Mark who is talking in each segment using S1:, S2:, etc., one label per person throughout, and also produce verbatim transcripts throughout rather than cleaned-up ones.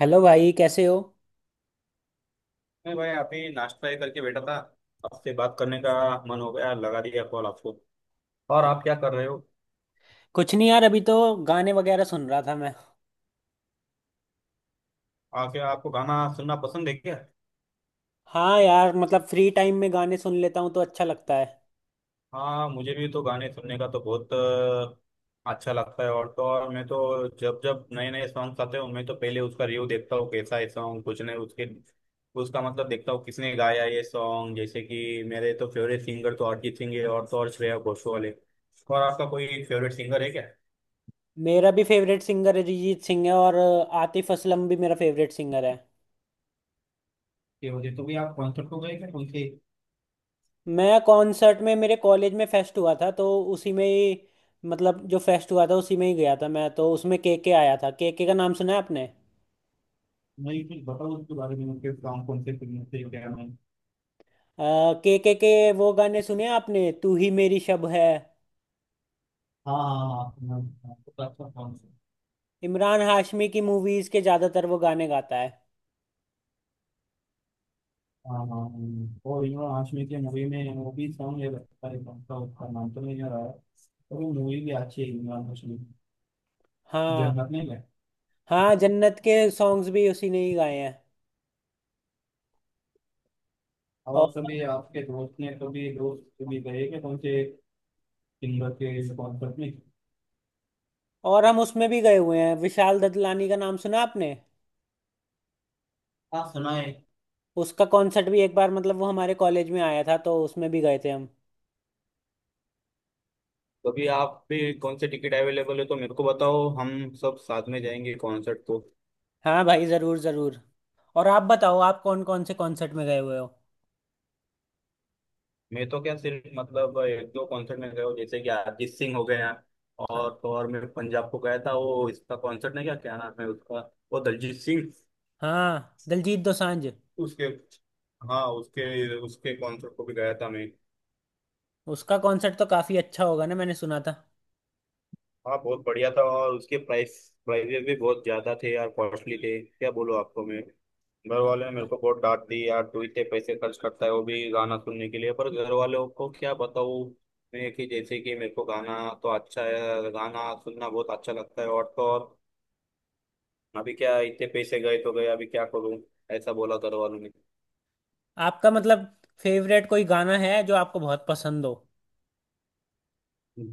S1: Hello भाई कैसे हो।
S2: मैं भाई आप ही नाश्ता ही करके बैठा था। आपसे बात करने का मन हो गया, लगा दिया कॉल आपको। और आप क्या कर रहे हो?
S1: कुछ नहीं यार अभी तो गाने वगैरह सुन रहा था मैं।
S2: आके आपको गाना सुनना पसंद है क्या?
S1: हाँ यार मतलब फ्री टाइम में गाने सुन लेता हूँ तो अच्छा लगता है।
S2: हाँ, मुझे भी तो गाने सुनने का तो बहुत अ, अच्छा लगता है। और तो और, मैं तो जब जब नए नए सॉन्ग्स आते हो मैं तो पहले उसका रिव्यू देखता हूँ, कैसा है सॉन्ग, कुछ नहीं उसके उसका मतलब देखता हूँ किसने गाया ये सॉन्ग। जैसे कि मेरे तो फेवरेट सिंगर तो अरिजीत सिंह है, और तो और श्रेया घोषाल है। और आपका कोई फेवरेट सिंगर है क्या?
S1: मेरा भी फेवरेट सिंगर अरिजीत सिंह है और अ, आतिफ असलम भी मेरा फेवरेट सिंगर है।
S2: ये मुझे तो भी आप कॉन्सर्ट को गए क्या उनके?
S1: मैं कॉन्सर्ट में मेरे कॉलेज में फेस्ट हुआ था तो उसी में ही मतलब जो फेस्ट हुआ था उसी में ही गया था मैं तो उसमें के के आया था। के के का नाम सुना है आपने।
S2: नहीं, कुछ बताओ उसके बारे में, उनके काम, कौन से फिल्म थे, क्या नहीं।
S1: के के के वो गाने सुने आपने तू ही मेरी शब है।
S2: हाँ हाँ हाँ हाँ हाँ, तो अच्छा कौन से?
S1: इमरान हाशमी की मूवीज़ के ज़्यादातर वो गाने गाता है।
S2: हाँ हाँ, हाँ। हाँ। और यू नो आशमी की मूवी में वो भी सॉन्ग है लगता है, कौन सा उसका नाम तो नहीं आ रहा है, तो वो मूवी भी अच्छी है इमरान हाशमी की।
S1: हाँ।
S2: जन्नत नहीं है?
S1: हाँ जन्नत के सॉन्ग्स भी उसी ने ही गाए हैं। और
S2: और सभी आपके दोस्त ने कभी दोस्त कभी गए कि कौन से सिंगर के कॉन्सर्ट में?
S1: और हम उसमें भी गए हुए हैं। विशाल ददलानी का नाम सुना आपने।
S2: हाँ, सुना है।
S1: उसका कॉन्सर्ट भी एक बार मतलब वो हमारे कॉलेज में आया था तो उसमें भी गए थे हम।
S2: कभी आप भी कौन से टिकट अवेलेबल है तो मेरे को बताओ, हम सब साथ में जाएंगे कॉन्सर्ट को।
S1: हाँ भाई ज़रूर ज़रूर। और आप बताओ आप कौन कौन से कॉन्सर्ट में गए हुए हो।
S2: मैं तो क्या सिर्फ मतलब एक दो कॉन्सर्ट में गया हूँ, जैसे कि अरिजीत सिंह हो गया। और तो और मैं पंजाब को गया था, वो इसका कॉन्सर्ट, नहीं क्या क्या नाम है उसका, वो दलजीत सिंह
S1: हाँ दिलजीत दोसांझ।
S2: उसके। हाँ, उसके उसके कॉन्सर्ट को भी गया था मैं।
S1: उसका कॉन्सर्ट तो काफ़ी अच्छा होगा ना मैंने सुना था।
S2: हाँ बहुत बढ़िया था, और उसके प्राइस प्राइजेस भी बहुत ज्यादा थे यार, कॉस्टली थे, क्या बोलो आपको। मैं, घर वालों ने
S1: हाँ।
S2: मेरे को बहुत डांट दी, यार तू इतने पैसे खर्च करता है, वो भी गाना सुनने के लिए। पर घर वालों को क्या बताऊँ मैं कि जैसे कि मेरे को गाना तो अच्छा है, गाना सुनना बहुत अच्छा लगता है। और तो और अभी क्या, इतने पैसे गए तो गए, अभी क्या करूँ, ऐसा बोला घर वालों ने।
S1: आपका मतलब फेवरेट कोई गाना है जो आपको बहुत पसंद हो।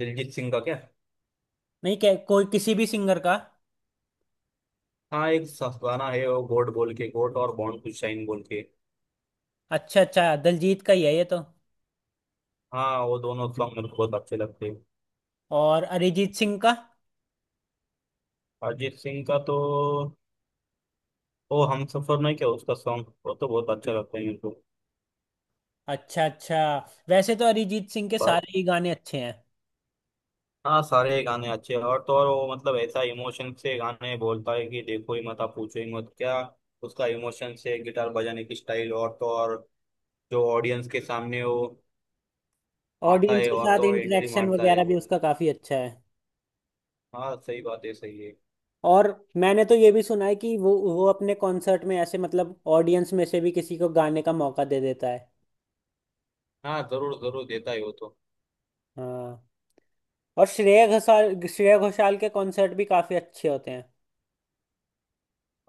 S2: दिलजीत सिंह का क्या?
S1: नहीं क्या कोई किसी भी सिंगर का।
S2: हाँ, एक स- गाना है वो, गोड बोल के, गोड और बॉन्ड टू शाइन बोल के।
S1: अच्छा अच्छा दिलजीत का ही है ये तो।
S2: हाँ, वो दोनों सॉन्ग मेरे को बहुत अच्छे लगते हैं।
S1: और अरिजीत सिंह का।
S2: अरिजीत सिंह का तो, ओ हम सफर नहीं क्या उसका सॉन्ग, वो तो बहुत अच्छा लगता है मेरे को।
S1: अच्छा अच्छा। वैसे तो अरिजीत सिंह के
S2: पर
S1: सारे ही गाने अच्छे हैं।
S2: हाँ, सारे गाने अच्छे हैं, और तो और वो मतलब ऐसा इमोशन से गाने बोलता है कि देखो ही मत, आप पूछो ही मत क्या। उसका इमोशन से गिटार बजाने की स्टाइल, और तो और जो ऑडियंस के सामने वो आता
S1: ऑडियंस
S2: है,
S1: के
S2: और तो
S1: साथ
S2: और एंट्री
S1: इंटरेक्शन
S2: मारता है।
S1: वगैरह भी उसका काफी अच्छा है।
S2: हाँ सही बात है, सही है।
S1: और मैंने तो ये भी सुना है कि वो वो अपने कॉन्सर्ट में ऐसे मतलब ऑडियंस में से भी किसी को गाने का मौका दे देता है।
S2: हाँ, जरूर जरूर देता है वो तो।
S1: हाँ। और श्रेया घोषाल श्रेया घोषाल के कॉन्सर्ट भी काफी अच्छे होते हैं।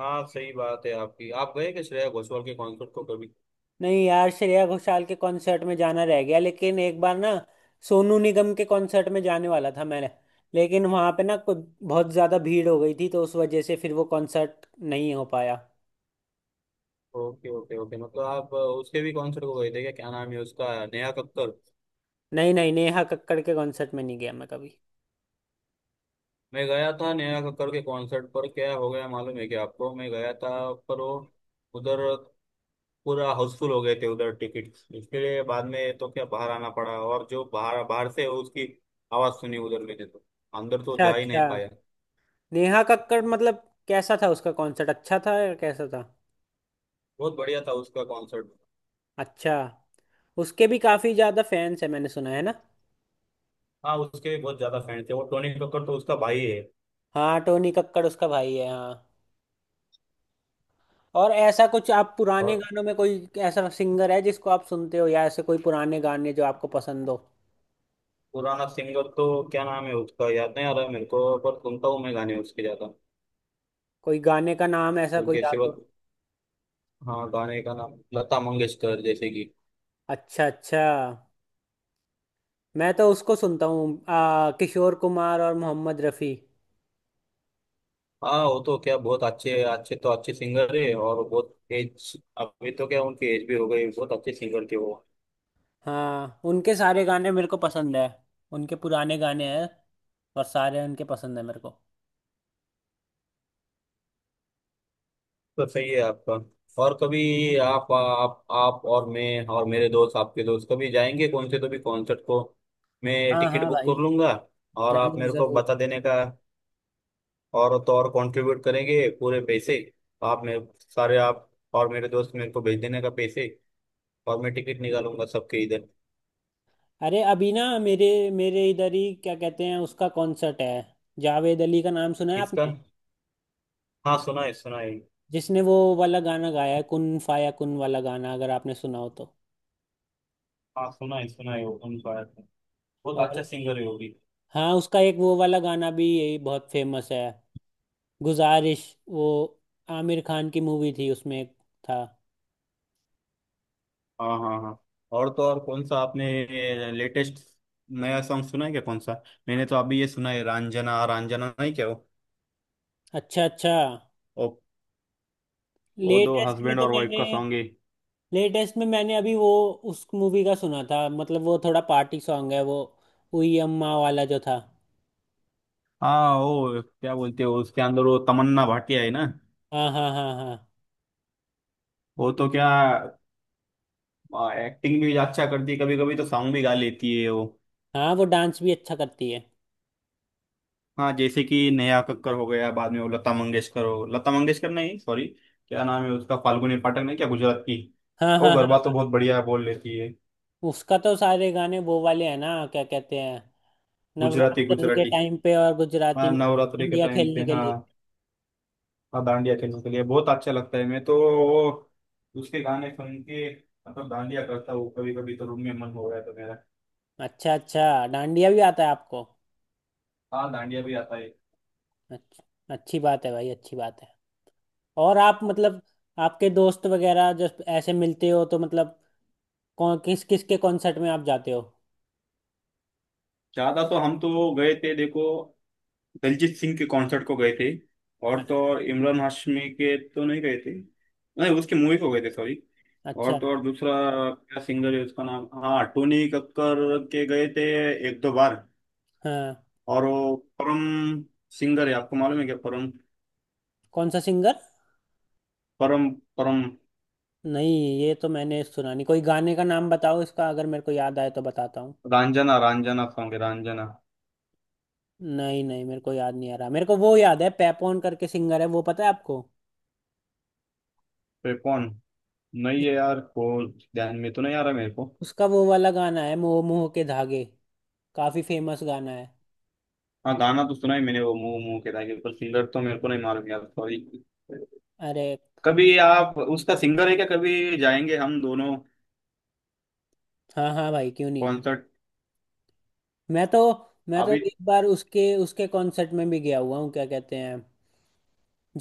S2: हाँ सही बात है आपकी। आप गए क्या श्रेया घोषाल के कॉन्सर्ट को कभी?
S1: नहीं यार श्रेया घोषाल के कॉन्सर्ट में जाना रह गया। लेकिन एक बार ना सोनू निगम के कॉन्सर्ट में जाने वाला था मैंने। लेकिन वहां पे ना कुछ बहुत ज्यादा भीड़ हो गई थी तो उस वजह से फिर वो कॉन्सर्ट नहीं हो पाया।
S2: ओके ओके ओके, मतलब आप उसके भी कॉन्सर्ट को गए थे क्या, क्या नाम है उसका, नेहा कक्कर?
S1: नहीं नहीं नेहा कक्कड़ के कॉन्सर्ट में नहीं गया मैं कभी।
S2: मैं गया था नेहा कक्कर के कॉन्सर्ट पर, क्या हो गया मालूम है क्या आपको, मैं गया था पर वो उधर पूरा हाउसफुल हो गए थे उधर, टिकट इसके लिए बाद में तो क्या बाहर आना पड़ा, और जो बाहर बाहर से उसकी आवाज़ सुनी उधर मैंने तो, अंदर तो
S1: अच्छा
S2: जा ही
S1: अच्छा।
S2: नहीं पाया।
S1: नेहा कक्कड़ मतलब कैसा था उसका कॉन्सर्ट अच्छा था या कैसा था।
S2: बहुत बढ़िया था उसका कॉन्सर्ट।
S1: अच्छा। उसके भी काफी ज्यादा फैंस है मैंने सुना है ना।
S2: हाँ, उसके भी बहुत ज़्यादा फैन थे वो। टोनी कक्कर तो उसका भाई है।
S1: हाँ टोनी कक्कड़ उसका भाई है हाँ। और ऐसा कुछ आप पुराने
S2: और
S1: गानों में कोई ऐसा सिंगर है जिसको आप सुनते हो या ऐसे कोई पुराने गाने जो आपको पसंद हो।
S2: पुराना सिंगर तो क्या नाम है उसका याद नहीं आ रहा मेरे को, पर सुनता हूँ मैं गाने उसके ज़्यादा।
S1: कोई गाने का नाम ऐसा
S2: कोई
S1: कोई
S2: कैसे
S1: याद
S2: बात,
S1: हो।
S2: हाँ गाने का नाम लता मंगेशकर जैसे कि।
S1: अच्छा अच्छा। मैं तो उसको सुनता हूँ आ, किशोर कुमार और मोहम्मद रफ़ी।
S2: हाँ वो तो क्या बहुत अच्छे अच्छे तो अच्छे सिंगर है, और बहुत एज अभी तो क्या उनकी एज भी हो गई, बहुत अच्छे सिंगर थे वो।
S1: हाँ उनके सारे गाने मेरे को पसंद है। उनके पुराने गाने हैं और सारे उनके पसंद है मेरे को।
S2: तो सही है आपका। और कभी आप आप आप और मैं और मेरे दोस्त आपके दोस्त कभी जाएंगे कौन से तो भी कॉन्सर्ट को, मैं
S1: हाँ
S2: टिकट
S1: हाँ
S2: बुक
S1: भाई
S2: कर लूंगा। और आप
S1: जरूर
S2: मेरे को
S1: जरूर।
S2: बता देने का। और तो और कंट्रीब्यूट करेंगे पूरे पैसे, आप मेरे सारे आप और मेरे दोस्त मेरे को भेज देने का पैसे, और मैं टिकट निकालूंगा सबके इधर।
S1: अरे अभी ना मेरे मेरे इधर ही क्या कहते हैं उसका कॉन्सर्ट है। जावेद अली का नाम सुना है
S2: इसका,
S1: आपने।
S2: हाँ सुना है सुना है।
S1: जिसने वो वाला गाना गाया है कुन फाया कुन वाला गाना अगर आपने सुना हो तो।
S2: हाँ सुना है सुना है, वो कौन सा आया था, बहुत
S1: और
S2: अच्छा सिंगर है वो भी।
S1: हाँ उसका एक वो वाला गाना भी यही बहुत फेमस है। गुजारिश। वो आमिर खान की मूवी थी उसमें एक था।
S2: हाँ हाँ हाँ। और तो और कौन सा आपने लेटेस्ट नया सॉन्ग सुना है क्या, कौन सा? मैंने तो अभी ये सुना है रंजना रंजना नहीं क्या वो।
S1: अच्छा अच्छा।
S2: वो, वो दो
S1: लेटेस्ट में
S2: हस्बैंड
S1: तो
S2: और वाइफ
S1: मैंने
S2: का सॉन्ग है।
S1: लेटेस्ट में मैंने अभी वो उस मूवी का सुना था। मतलब वो थोड़ा पार्टी सॉन्ग है वो। उई अम्मा वाला जो था।
S2: हाँ, वो क्या बोलते हो उसके अंदर वो तमन्ना भाटिया है ना।
S1: हाँ हाँ हाँ हाँ
S2: वो तो क्या एक्टिंग भी अच्छा करती है, कभी कभी तो सॉन्ग भी गा लेती है वो।
S1: हाँ। वो डांस भी अच्छा करती है।
S2: हाँ, जैसे कि नेहा कक्कर हो गया, बाद में वो लता मंगेशकर हो, लता मंगेशकर नहीं सॉरी, क्या नाम है उसका, फाल्गुनी पाठक नहीं क्या, गुजरात की।
S1: हाँ
S2: वो
S1: हाँ
S2: गरबा तो
S1: हाँ।
S2: बहुत बढ़िया बोल लेती है।
S1: उसका तो सारे गाने वो वाले हैं ना क्या कहते हैं
S2: गुजराती
S1: नवरात्र के
S2: गुजराती,
S1: टाइम पे और गुजराती
S2: हाँ
S1: में।
S2: नवरात्रि के
S1: डांडिया
S2: टाइम पे
S1: खेलने के
S2: हाँ।
S1: लिए।
S2: हाँ डांडिया खेलने के लिए बहुत अच्छा लगता है। मैं तो वो उसके गाने सुन के, मतलब डांडिया करता हूँ कभी कभी तो रूम में, मन हो रहा है तो मेरा।
S1: अच्छा अच्छा। डांडिया भी आता है आपको।
S2: हाँ डांडिया भी आता है।
S1: अच्छा। अच्छी बात है भाई अच्छी बात है। और आप मतलब आपके दोस्त वगैरह जब ऐसे मिलते हो तो मतलब कौन किस किस के कॉन्सर्ट में आप जाते हो।
S2: ज्यादा तो हम तो गए थे देखो, दिलजीत सिंह के कॉन्सर्ट को गए थे, और
S1: अ-
S2: तो और इमरान हाशमी के तो नहीं गए थे, नहीं उसकी मूवी को गए थे सॉरी। और
S1: अच्छा।
S2: तो और दूसरा क्या सिंगर है उसका नाम, हाँ टोनी कक्कर के गए थे एक दो बार।
S1: हाँ
S2: और वो परम सिंगर है, आपको मालूम है क्या, परम?
S1: कौन सा सिंगर।
S2: परम? परम?
S1: नहीं ये तो मैंने सुना नहीं। कोई गाने का नाम बताओ इसका अगर मेरे को याद आए तो बताता हूँ।
S2: रंजना रंजना सॉन्ग है, रंजना।
S1: नहीं नहीं मेरे को याद नहीं आ रहा। मेरे को वो याद है पैपॉन करके सिंगर है वो पता है आपको।
S2: पे कौन, नहीं है यार, को ध्यान में तो नहीं आ रहा मेरे को।
S1: उसका वो वाला गाना है मोह मोह के धागे। काफी फेमस गाना है।
S2: हाँ गाना तो सुना है मैंने वो मुंह मुंह के ताकि, पर सिंगर तो मेरे को नहीं मालूम यार सॉरी।
S1: अरे
S2: कभी आप, उसका सिंगर है क्या, कभी जाएंगे हम दोनों
S1: हाँ हाँ भाई क्यों नहीं।
S2: कॉन्सर्ट?
S1: मैं तो मैं तो
S2: अभी,
S1: एक बार उसके उसके कॉन्सर्ट में भी गया हुआ हूँ क्या कहते हैं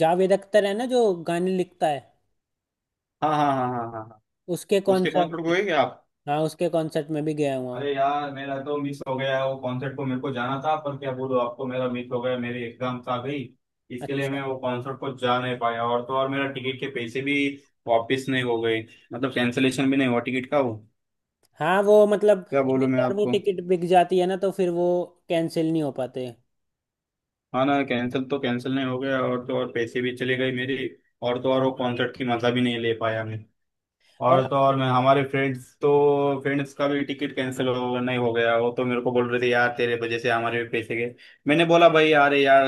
S1: जावेद अख्तर है ना जो गाने लिखता है
S2: हाँ हाँ हाँ हाँ हाँ हाँ।
S1: उसके
S2: उसके
S1: कॉन्सर्ट
S2: कॉन्सर्ट को
S1: में।
S2: गए क्या आप?
S1: हाँ उसके कॉन्सर्ट में भी गया हुआ हूँ।
S2: अरे यार मेरा तो मिस हो गया वो कॉन्सर्ट को, मेरे को जाना था पर क्या बोलूं आपको मेरा मिस हो गया, मेरी एग्जाम्स आ गई, इसके लिए
S1: अच्छा।
S2: मैं वो कॉन्सर्ट को जा नहीं पाया। और तो और मेरा टिकट के पैसे भी वापस नहीं हो गए, मतलब कैंसिलेशन भी नहीं हुआ टिकट का वो,
S1: हाँ वो मतलब
S2: क्या बोलूं
S1: एक
S2: मैं
S1: बार वो
S2: आपको।
S1: टिकट बिक जाती है ना तो फिर वो कैंसिल नहीं हो पाते।
S2: हाँ ना, कैंसिल तो कैंसिल नहीं हो गया, और तो और पैसे भी चले गए मेरे। और तो और वो कॉन्सर्ट की मजा भी नहीं ले पाया मैं। और
S1: और
S2: तो और मैं हमारे फ्रेंड्स तो फ्रेंड्स का भी टिकट कैंसिल हो नहीं हो गया, वो तो मेरे को बोल रहे थे यार तेरे वजह से हमारे भी पैसे गए। मैंने बोला भाई यार यार,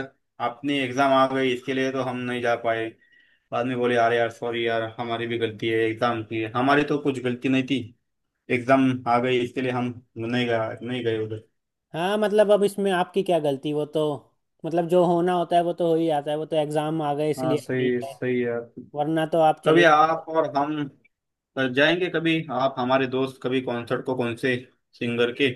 S2: अपनी एग्जाम आ गई इसके लिए तो हम नहीं जा पाए। बाद में बोले यार यार सॉरी यार, हमारी भी गलती है, एग्जाम की है, हमारी तो कुछ गलती नहीं थी, एग्जाम आ गई इसके लिए हम नहीं गए, नहीं गए उधर।
S1: हाँ मतलब अब इसमें आपकी क्या गलती। वो तो मतलब जो होना होता है वो तो हो ही जाता है। वो तो एग्जाम आ गए
S2: हाँ
S1: इसलिए आप
S2: सही
S1: नहीं
S2: है
S1: गए
S2: सही है यार।
S1: वरना तो आप चले
S2: कभी
S1: ही जाते।
S2: आप और हम जाएंगे, कभी आप हमारे दोस्त कभी कॉन्सर्ट को कौन से सिंगर के।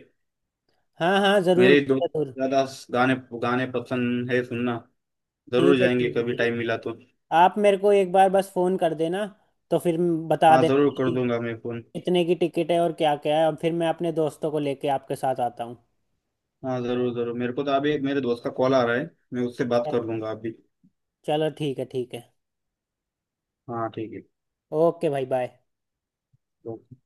S1: हाँ हाँ जरूर
S2: मेरे दोस्त
S1: जरूर।
S2: को ज्यादा गाने गाने पसंद है सुनना, जरूर
S1: ठीक है
S2: जाएंगे
S1: ठीक है
S2: कभी
S1: ठीक
S2: टाइम मिला
S1: है।
S2: तो।
S1: आप मेरे को एक बार बस फोन कर देना तो फिर म- बता
S2: हाँ जरूर
S1: देना
S2: कर
S1: कि
S2: दूंगा मैं फोन।
S1: कितने की टिकट है और क्या क्या है और फिर मैं अपने दोस्तों को लेके आपके साथ आता हूँ।
S2: हाँ जरूर जरूर, मेरे को तो अभी एक मेरे दोस्त का कॉल आ रहा है, मैं उससे बात
S1: चल-
S2: कर लूंगा अभी।
S1: चलो ठीक है ठीक है।
S2: हाँ ठीक है।
S1: ओके भाई बाय।
S2: ओके।